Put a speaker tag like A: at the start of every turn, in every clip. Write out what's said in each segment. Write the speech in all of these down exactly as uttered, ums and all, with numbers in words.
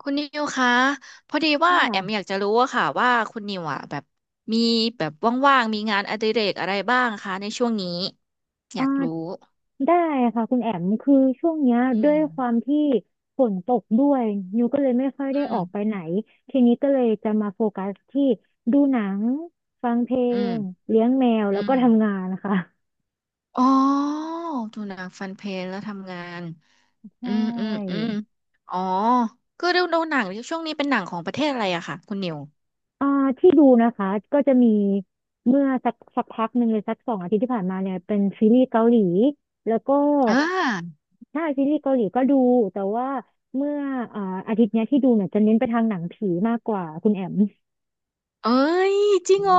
A: คุณนิวคะพอดีว่าแอมอ
B: อ่า
A: ยากจะรู้อะค่ะว่าคุณนิวอะแบบมีแบบว่างๆมีงานอดิเรกอะไรบ้างคะในช่วงนี้อ
B: อ่
A: ยากรู้
B: าได้ค่ะคุณแอมคือช่วงเนี้ย
A: อื
B: ด้วย
A: ม
B: ความที่ฝนตกด้วยนิวก็เลยไม่ค่อยได้
A: อื
B: อ
A: ม
B: อกไปไหนทีนี้ก็เลยจะมาโฟกัสที่ดูหนังฟังเพล
A: อืม
B: งเลี้ยงแมว
A: อื
B: แล้วก็
A: ม
B: ทำงานนะคะ
A: อ๋อดูหนังฟันเพลงแล้วทำงาน
B: ใช
A: อืมอืมอืม
B: ่
A: อ๋อคือดูดูหนังช่วงนี้เป็นหนังของประเทศอะไรอะค่ะคุณนิว
B: อ่าที่ดูนะคะก็จะมีเมื่อสักสักพักหนึ่งเลยสักสองอาทิตย์ที่ผ่านมาเนี่ยเป็นซีรีส์เกาหลีแล้วก็
A: อ่า
B: ใช่ซีรีส์เกาหลีก็ดูแต่ว่าเมื่ออ่าอาทิตย์เนี้ยที่ดูเนี่ยจะเน้นไปทางหนังผีมากกว่าคุณแอม
A: เอ้ยจริ
B: อื
A: งเหร
B: ม
A: อ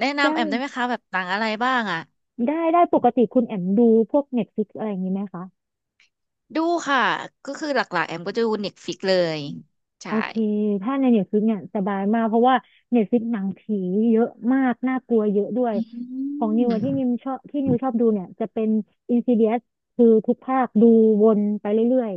A: แนะ
B: ใช่
A: นำแอมได้ไหมคะแบบหนังอะไรบ้างอะ
B: ได้ได้ปกติคุณแอมดูพวกเน็ f l i ิอะไรอย่างนี้ไหมคะ
A: ดูค่ะก็คือหลักๆแอมก็จะดูเน็ตฟิกเลย
B: โอ
A: ใช่
B: เคถ้าในเน็ตฟลิกเนี่ยสบายมากเพราะว่าเน็ตฟลิกหนังผีเยอะมากน่ากลัวเยอะด้วย
A: อื
B: ของนิวอะที่นิ
A: ม
B: วชอบที่นิวชอบดูเนี่ยจะเป็น Insidious คือทุกภาคดูวนไปเรื่อย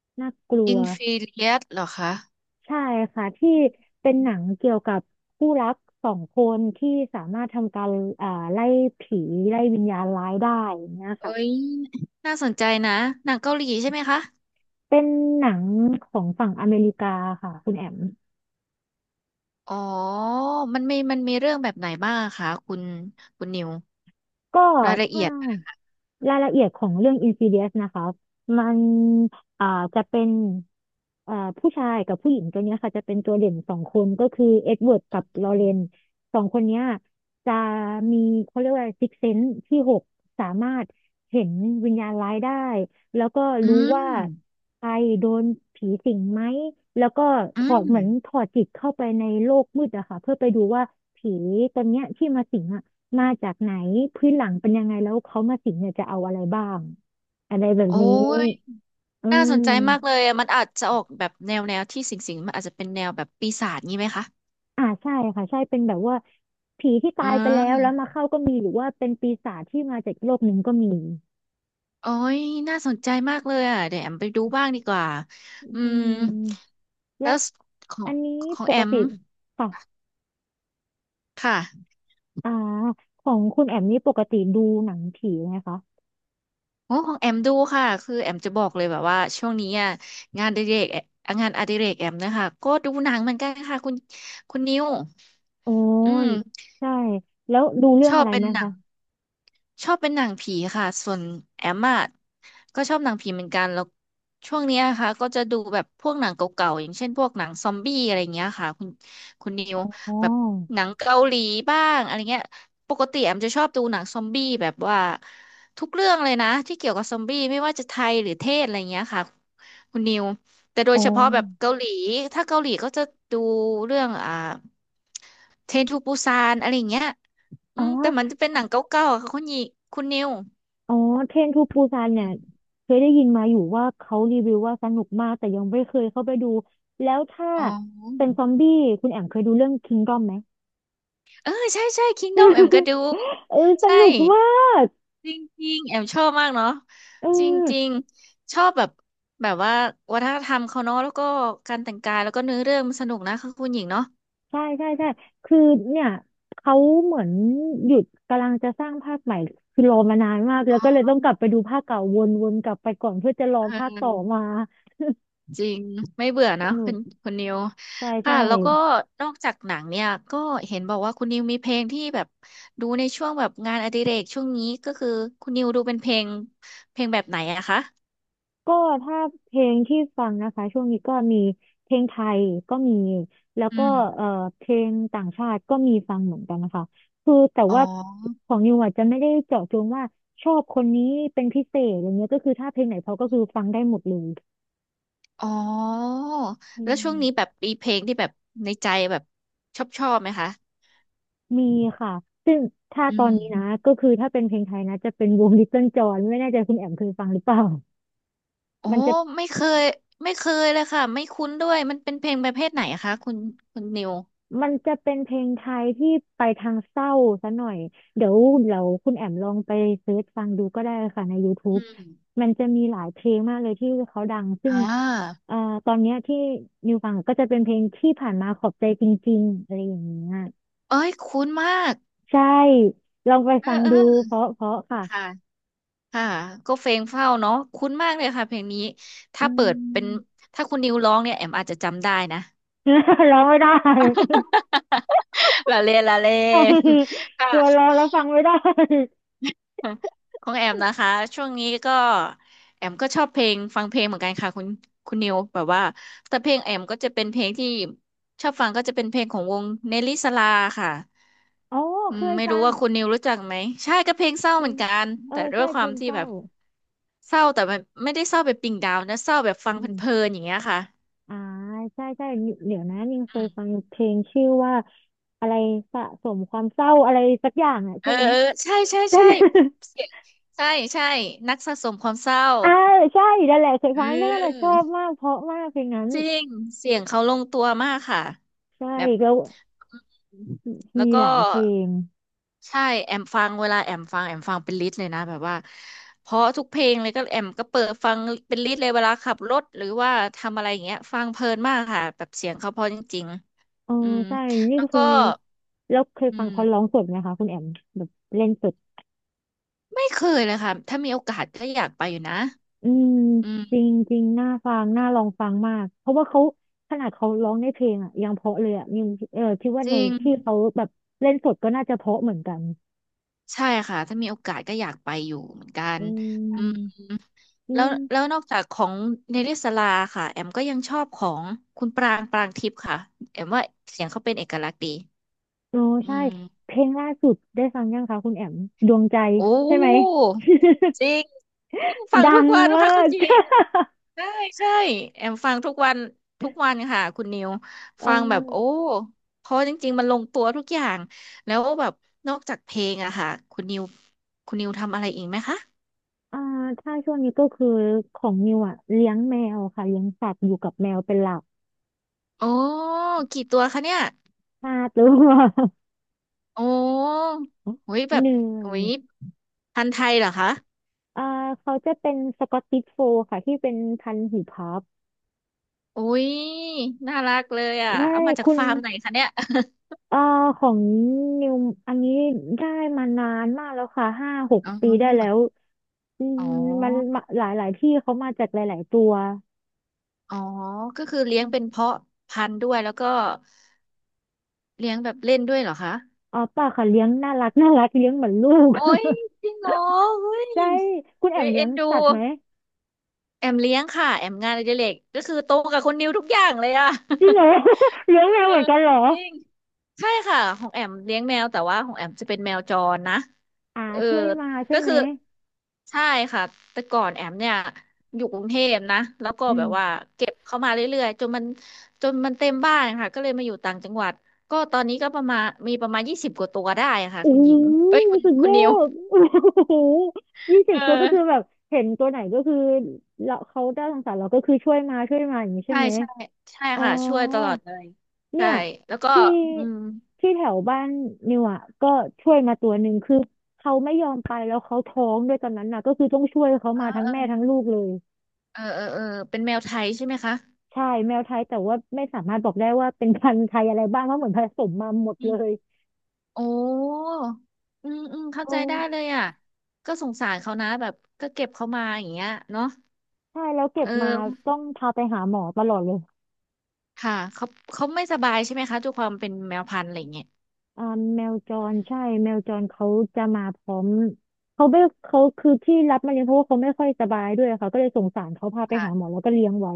B: ๆน่ากลั
A: อิ
B: ว
A: นฟิเลียสเหรอคะ
B: ใช่ค่ะที่เป็นหนังเกี่ยวกับคู่รักสองคนที่สามารถทำการอ่าไล่ผีไล่วิญญาณร้ายได้อย่างเงี้ย
A: เอ้
B: ค่ะ
A: ยน่าสนใจนะหนังเกาหลีใช่ไหมคะ
B: เป็นหนังของฝั่งอเมริกาค่ะคุณแอม
A: อ๋อมันมีมันมีเรื่องแบบไหนบ้างอะคะคุณคุณนิว
B: ก็
A: รายละเอี
B: ถ้า
A: ยดนะคะ
B: รายละเอียดของเรื่อง Insidious นะคะมันอ่าจะเป็นอ่าผู้ชายกับผู้หญิงตัวเนี้ยค่ะจะเป็นตัวเด่นสองคนก็คือเอ็ดเวิร์ดกับลอเรนสองคนเนี้ยจะมีเขาเรียกว่าซิกเซนส์ที่หกสามารถเห็นวิญญาณร้ายได้แล้วก็
A: อื
B: รู้
A: ม
B: ว่าใครโดนผีสิงไหมแล้วก็
A: อื
B: ถอด
A: ม
B: เหมือนถอดจิตเข้าไปในโลกมืดอะค่ะเพื่อไปดูว่าผีตัวเนี้ยที่มาสิงอะ มาจากไหนพื้นหลังเป็นยังไงแล้วเขามาสิงเนี่ยจะเอาอะไรบ้างอะไรแบบ
A: โอ้
B: นี้
A: ย
B: อื
A: น่าสนใจมากเล
B: ม
A: ยอะมันอาจจะออกแบบแนวแนวที่สิงสิงมันอาจจะเป็นแนวแบบปีศาจงี้ไหมคะ
B: อ่าใช่ค่ะใช่เป็นแบบว่าผีที่
A: อื
B: ตายไปแล้วแล้ว
A: ม
B: มาเข้าก็มีหรือว่าเป็นปีศาจที่มาจากโลกหนึ่งก็มี
A: โอ้ยน่าสนใจมากเลยอ่ะเดี๋ยวแอมไปดูบ้างดีกว่าอื
B: อื
A: ม
B: มและ
A: แล้วของ
B: อันนี้
A: ของ
B: ป
A: แอ
B: ก
A: ม
B: ติค่ะ
A: ค่ะ
B: อ่าของคุณแอมนี่ปกติดูหนังผีไหมคะ
A: โอ้ของแอมดูค่ะคือแอมจะบอกเลยแบบว่าช่วงนี้อ่ะงานอดิเรกแอมงานอดิเรกแอมนะคะก็ดูหนังเหมือนกันค่ะคุณคุณนิว
B: อ๋อ
A: อืม
B: ใช่แล้วดูเรื่อ
A: ช
B: ง
A: อ
B: อะ
A: บ
B: ไร
A: เป็น
B: ไหม
A: หนั
B: คะ
A: ง ชอบเป็นหนังผีค่ะส่วนแอมอะก็ชอบหนังผีเหมือนกันแล้วช่วงเนี้ยค่ะก็จะดูแบบพวกหนังเก่าๆอย่างเช่นพวกหนังซอมบี้อะไรเงี้ยค่ะคุณคุณนิว
B: อ๋อ
A: แบบหนังเกาหลีบ้างอะไรเงี้ยปกติแอมจะชอบดูหนังซอมบี้แบบว่าทุกเรื่องเลยนะที่เกี่ยวกับซอมบี้ไม่ว่าจะไทยหรือเทศอะไรเงี้ยค่ะคุณนิวแต่โด
B: อ๋
A: ย
B: อ
A: เฉพาะแบบเกาหลีถ้าเกาหลีก็จะดูเรื่องอ่าเทรนทูปูซานอะไรเงี้ย อื
B: อ๋อ
A: มแต่มันจะเป็นหนังเก่าๆอะค่ะคุณหญิงคุณนิว
B: อ๋อเทรนทูปูซานเนี่
A: อื
B: ย
A: ม
B: เคยได้ยินมาอยู่ว่าเขารีวิวว่าสนุกมากแต่ยังไม่เคยเข้าไปดูแล้วถ้า
A: อ๋อ
B: เป็นซอมบี้คุณแอมเคยดูเรื่องคิงดอมไหม
A: เออใช่ใช่ Kingdom แอมก็ดู
B: เออส
A: ใช่
B: นุกมาก
A: จริงๆแอมชอบมากเนาะ
B: เอ
A: จริง
B: อ
A: ๆชอบแบบแบบว่าวัฒนธรรมเขาเนาะแล้วก็การแต่งกายแล้วก็เนื้อเรื่องมันสนุกนะคะคุณหญิงเนาะ
B: ใช่ใช่ใช่คือเนี่ยเขาเหมือนหยุดกำลังจะสร้างภาคใหม่คือรอมานานมากแล้วก็เลยต้องกลับไปดูภาคเก่าวนๆกลับไปก่อนเพื่อจะรอ
A: เอ
B: ภาคต่อมา
A: อ จริงไม่เบื่อ
B: ส
A: นะ
B: นุ
A: คุ
B: ก
A: ณคุณนิว
B: ใช่
A: ค่ะ
B: ใช่
A: แล้วก็นอกจากหนังเนี่ยก็เห็นบอกว่าคุณนิวมีเพลงที่แบบดูในช่วงแบบงานอดิเรกช่วงนี้ก็คือคุณนิวดูเป็นเพลงเพลงแบบไหนอะคะ
B: ก็ถ้าเพลงที่ฟังนะคะช่วงนี้ก็มีเพลงไทยก็มีแล้ว
A: อื
B: ก็
A: ม
B: เอ่อเพลงต่างชาติก็มีฟังเหมือนกันนะคะคือแต่
A: อ๋
B: ว่า
A: อ
B: ของนิวอาจจะไม่ได้เจาะจงว่าชอบคนนี้เป็นพิเศษอะไรเงี้ยก็คือถ้าเพลงไหนเพราะก็คือฟังได้หมดเลย
A: อ๋อ
B: อื
A: แล้วช่วงนี้แบ
B: ม
A: บมีเพลงที่แบบในใจแบบชอบชอบไหมคะ
B: มีค่ะซึ่งถ้า
A: อื
B: ตอน
A: ม
B: นี้นะก็คือถ้าเป็นเพลงไทยนะจะเป็นวง Little John ไม่แน่ใจคุณแอมเคยฟังหรือเปล่า
A: โอ้
B: มันจะ
A: ไม่เคยไม่เคยเลยค่ะไม่คุ้นด้วยมันเป็นเพลงประเภทไหนคะคุณคุณนิว
B: มันจะเป็นเพลงไทยที่ไปทางเศร้าซะหน่อยเดี๋ยวเราคุณแอมลองไปเซิร์ชฟังดูก็ได้ค่ะใน
A: อื
B: YouTube
A: ม
B: มันจะมีหลายเพลงมากเลยที่เขาดังซึ่ง
A: อ่า
B: เอ่อตอนเนี้ยที่นิวฟังก็จะเป็นเพลงที่ผ่านมาขอบใจจริงๆอะไรอย่างเงี้ย
A: เอ้ยคุ้นมาก
B: ใช่ลองไป
A: เอ
B: ฟั
A: อ
B: ง
A: เอ
B: ดู
A: อ
B: เพราะเพราะค่ะ
A: ค่ะ ค่ะ ก็เพลงเฝ้าเนาะคุ้นมากเลยค่ะเพลงนี้
B: อื
A: ถ้าเปิดเป็น
B: ม
A: ถ้าคุณนิวร้องเนี่ยแอมอาจจะจำได้นะ
B: ร้องไม่ได้
A: ละเล่นละเล่น ค่ะ
B: กลัวร้องแล้วฟังไม่ได้
A: ของแอมนะคะช่วงนี้ก็แอมก็ชอบเพลงฟังเพลงเหมือนกันค่ะคุณคุณนิวแบบว่าแต่เพลงแอมก็จะเป็นเพลงที่ชอบฟังก็จะเป็นเพลงของวงเนลลี่สลาค่ะ
B: อ๋อ
A: อื
B: เค
A: ม
B: ย
A: ไม่
B: ฟั
A: รู้
B: ง
A: ว่าคุณนิวรู้จักไหมใช่ก็เพลงเศร้า
B: เพล
A: เหมือน
B: ง
A: กัน
B: เอ
A: แต่
B: อ
A: ด้วย
B: ใช่
A: ค
B: เพ
A: วา
B: ล
A: ม
B: ง
A: ที่
B: เศ
A: แบ
B: ร้า
A: บเศร้าแต่มันไม่ได้เศร้าแบบดิ่งดาวนะเศร้าแบบฟัง
B: อืม
A: เพลินๆอย่างเงี้ยค่ะ
B: อ่าใช่ใช่เดี๋ยวนะนิงเค
A: อื
B: ย
A: ม
B: ฟังเพลงชื่อว่าอะไรสะสมความเศร้าอะไรสักอย่างอ่ะ
A: เอ
B: ใช่
A: อ
B: ไหม
A: เออใช่ใช่
B: ใช่
A: ใช่เสียงใช่ใช่นักสะสมความเศร้า
B: อ่าใช่นั่นแหละเคย
A: เ
B: ฟังน่นน่ะช
A: ออ
B: อบมากเพราะมากเพลงนั้น
A: จริงเสียงเขาลงตัวมากค่ะ
B: ใช่
A: แบบ
B: แล้ว
A: อืมแล้
B: มี
A: วก็
B: หลายเพลง
A: ใช่แอมฟังเวลาแอมฟังแอมฟังเป็นลิสต์เลยนะแบบว่าเพราะทุกเพลงเลยก็แอมก็เปิดฟังเป็นลิสต์เลยเวลาขับรถหรือว่าทำอะไรอย่างเงี้ยฟังเพลินมากค่ะแบบเสียงเขาเพราะจริง
B: เออ
A: ๆอืม
B: ใช่นี่
A: แล้ว
B: เค
A: ก็
B: ยแล้วเคย
A: อื
B: ฟัง
A: ม
B: เขาร้องสดไหมคะคุณแอมแบบเล่นสด
A: ไม่เคยเลยค่ะถ้ามีโอกาสก็อยากไปอยู่นะ
B: อืม
A: อื
B: จริ
A: ม
B: งจริงน่าฟังน่าลองฟังมากเพราะว่าเขาขนาดเขาร้องในเพลงอ่ะยังเพราะเลยอ่ะยังเออคิดว่า
A: จ
B: ใน
A: ริง
B: ที่เขาแบบเล่นสดก็น่าจะเพราะเหมือนกัน
A: ใช่ค่ะถ้ามีโอกาสก็อยากไปอยู่เหมือนกัน
B: อื
A: อืม
B: มอื
A: แล้ว
B: ม
A: แล้วนอกจากของเนลิสลาค่ะแอมก็ยังชอบของคุณปรางปรางทิพย์ค่ะแอมว่าเสียงเขาเป็นเอกลักษณ์ดี
B: โอ้
A: อื
B: ใช่
A: ม
B: เพลงล่าสุดได้ฟังยังคะคุณแอมดวงใจ
A: โอ้
B: ใช่ไหม
A: จริงฟั ง
B: ดั
A: ทุก
B: ง
A: วันนะคะ
B: มา
A: คุณ
B: ก
A: หญิง ใช่ใช่แอมฟังทุกวันทุกวันค่ะคุณนิว
B: เ
A: ฟังแบบโอ้
B: ออ
A: เพราะจริงๆมันลงตัวทุกอย่างแล้วแบบนอกจากเพลงอะค่ะคุณนิวคุณนิวทำอะไรอีกไหมคะ
B: อ่าถ้าช่วงนี้ก็คือของนิวอ่ะเลี้ยงแมวค่ะเลี้ยงสัตว์อยู่กับแมวเป็นหลัก
A: โอ้กี่ตัวคะเนี่ย
B: ห้าตัว
A: โอ้โหย แบ
B: เห
A: บ
B: นื่อ
A: โอ้
B: ย
A: ย พันธุ์ไทยเหรอคะ
B: อ่าเขาจะเป็นสกอตติชโฟลด์ค่ะที่เป็นพันธุ์หูพับ
A: อุ้ยน่ารักเลยอ่ะ
B: ใช่
A: เอามาจาก
B: คุณ
A: ฟาร์มไหนคะเนี่ย
B: เอ่าของนิวอันนี้ได้มานานมากแล้วค่ะห้าหก
A: อ๋
B: ปีได้แล้ว
A: อ
B: อื
A: อ๋
B: ม
A: อ
B: มันมาหลายหลายที่เขามาจากหลายๆตัว
A: อ๋อก็คือเลี้ยงเป็นเพาะพันธุ์ด้วยแล้วก็เลี้ยงแบบเล่นด้วยเหรอคะ
B: อ๋อเปล่าค่ะเลี้ยงน่ารักน่ารักเลี้ยงเหมือนลูก
A: โอ้ยจริงเหรอเฮ้
B: ใช่
A: ย
B: คุณแอ
A: เฮ้
B: ม
A: ย
B: เลี้
A: เอ็
B: ยง
A: นดู
B: สัตว์ไหม
A: แอมเลี้ยงค่ะแอมงานอดิเรกก็คือโตกับคนนิวทุกอย่างเลยอ่ะ
B: จริงเหรอ เลี้ ยง
A: เออ
B: แมวเหมือนกันเหรอ
A: จริงใช่ค่ะของแอมเลี้ยงแมวแต่ว่าของแอมจะเป็นแมวจรนะ
B: อ่า
A: เออ
B: ช่วยมาใช่
A: ก็
B: ไหม
A: คือใช่ค่ะแต่ก่อนแอมเนี่ยอยู่กรุงเทพนะแล้วก็
B: อื
A: แบบว่า
B: ม
A: เก็บเข้ามาเรื่อยๆจนมันจนมันเต็มบ้านค่ะก็เลยมาอยู่ต่างจังหวัดก็ตอนนี้ก็ประมาณมีประมาณยี่สิบกว่าตัวได้ค่ะ
B: โอ้
A: คุณห
B: โห
A: ญิงเอ้ยคุณ
B: สุด
A: คุ
B: ย
A: ณ
B: อ
A: นิว
B: ดโอ้โหยี่สิบ
A: เออ
B: ตัวก็คือแบบเห็นตัวไหนก็คือเราเขาได้สงสารเราก็คือช่วยมาช่วยมาอย่างนี้ใช่
A: ใช่
B: ไหม
A: ใช่ใช่
B: อ๋อ
A: ค่ะช่วยตลอดเลย
B: เนี่
A: ใช่
B: ย
A: แล้วก็
B: ที่
A: อืม
B: ที่แถวบ้านนิวอ่ะก็ช่วยมาตัวหนึ่งคือเขาไม่ยอมไปแล้วเขาท้องด้วยตอนนั้นน่ะก็คือต้องช่วยเขา
A: เออ
B: มาทั้ง
A: เออ
B: แม่ทั้งลูกเลย
A: เออเออเออเป็นแมวไทยใช่ไหมคะ
B: ใช่แมวไทยแต่ว่าไม่สามารถบอกได้ว่าเป็นพันธุ์ไทยอะไรบ้างเพราะเหมือนผสมมาหมดเลย
A: โอ้อืมอืมเข้า
B: โอ้
A: ใจได้เลยอ่ะ ก็สงสารเขานะแบบก็เก็บเขามาอย่างเงี้ยเนาะ
B: ใช่แล้วเก็บ
A: เอ
B: มา
A: อ
B: ต้องพาไปหาหมอตลอดเลย
A: ค่ะเขาเขาไม่สบายใช่ไหมคะด้วยความเป็นแมวพันธุ์อะไรเงี้ย
B: อ่าแมวจรใช่แมวจรเขาจะมาพร้อมเขาไม่เขาคือที่รับมาเลี้ยงเพราะว่าเขาไม่ค่อยสบายด้วยค่ะก็เลยสงสารเขาพาไปหาหมอ
A: ค่ะ
B: แล้วก็เลี้ยงไว้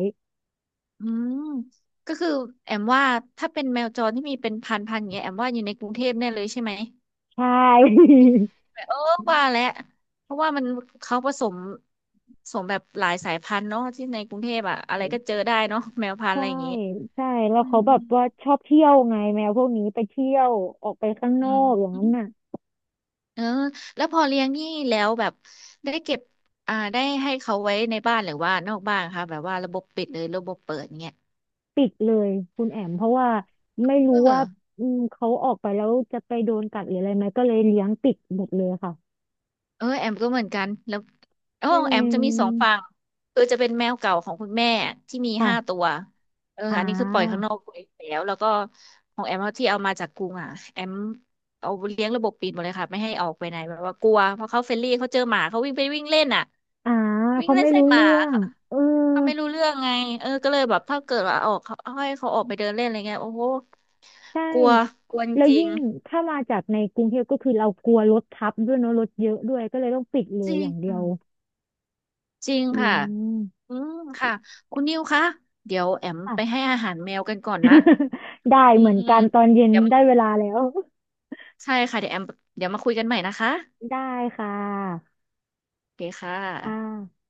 A: อืมก็คือแอมว่าถ้าเป็นแมวจรที่มีเป็นพันพันอย่างเงี้ยแอมว่าอยู่ในกรุงเทพแน่เลยใช่ไหม
B: ใช่
A: เออว่าแหละเพราะว่ามันเขาผสมผสมแบบหลายสายพันธุ์เนาะที่ในกรุงเทพอะอะไรก็เจอ ได้เนาะแมวพันธุ์อะ
B: ใช่
A: ไรอย่างงี้
B: ใช่แล้ว
A: อืม
B: เขาแบ
A: อื
B: บ
A: ม
B: ว่าชอบเที่ยวไงแมวพวกนี้ไปเที่ยวออกไปข้างน
A: อื
B: อก
A: ม
B: อย่างนั้นน่ะ
A: เออแล้วพอเลี้ยงนี่แล้วแบบได้เก็บอ่าได้ให้เขาไว้ในบ้านหรือว่านอกบ้านคะแบบว่าระบบปิดหรือระบบเปิดเงี้ย
B: ปิดเลยคุณแอมเพราะว่าไม่รู้
A: เอ
B: ว่า
A: อ
B: อืมเขาออกไปแล้วจะไปโดนกัดหรืออะไรไหมก็เลยเลี้ยงปิดหมดเลยค่ะ
A: เออแอมก็เหมือนกันแล้วโอ้
B: นี่
A: แอ
B: เอ
A: มจะ
B: ง
A: มีสองฝั่งคือจะเป็นแมวเก่าของคุณแม่ที่มีห้าตั
B: ค่ะ
A: วเออ
B: อ่
A: อันนี้คือปล่อยข้าง
B: า
A: นอกไปแล้วแล้วก็ของแอมที่เอามาจากกรุงอ่ะแอมเอาเลี้ยงระบบปิดหมดเลยค่ะไม่ให้ออกไปไหนแบบว่ากลัวเพราะเขาเฟรนลี่เขาเจอหมาเขาวิ่งไปวิ่งเล่นอ่ะ
B: อ่า
A: วิ่ง
B: เขา
A: เล่น
B: ไม่
A: ใส่
B: รู้
A: หมา
B: เรื่อง เออ
A: เขาไม่รู้เรื่องไง เออก็เลยแบบถ้าเกิดว่าออกเขาให้เขาออกไปเดินเล่นอะไรเงี้ยโอ้โห
B: ใช่
A: กลัวกลัว
B: แล้ว
A: จริ
B: ยิ่
A: ง
B: งถ้ามาจากในกรุงเทพก็คือเรากลัวรถทับด้วยเนอะรถเยอะด้วยก็เลยต้องปิดเล
A: จ
B: ย
A: ริ
B: อ
A: ง
B: ย่างเดี
A: อื
B: ยว
A: มจริง
B: อื
A: ค่ะ
B: ม
A: อืมค่ะ คุณนิวคะ เดี๋ยวแอม
B: ค่ะ
A: ไปให้อาหารแมวกันก่อนนะ
B: ได้
A: อื
B: เห
A: ม
B: มือน
A: อืม
B: กันตอนเย็น
A: เดี๋ยวมา
B: ได้เวลาแล้ว
A: ใช่ค่ะเดี๋ยวแอมเดี๋ยวมาคุยกันใหม่นะคะ
B: ได้ค่ะ
A: โอเคค่
B: อ่
A: ะ
B: า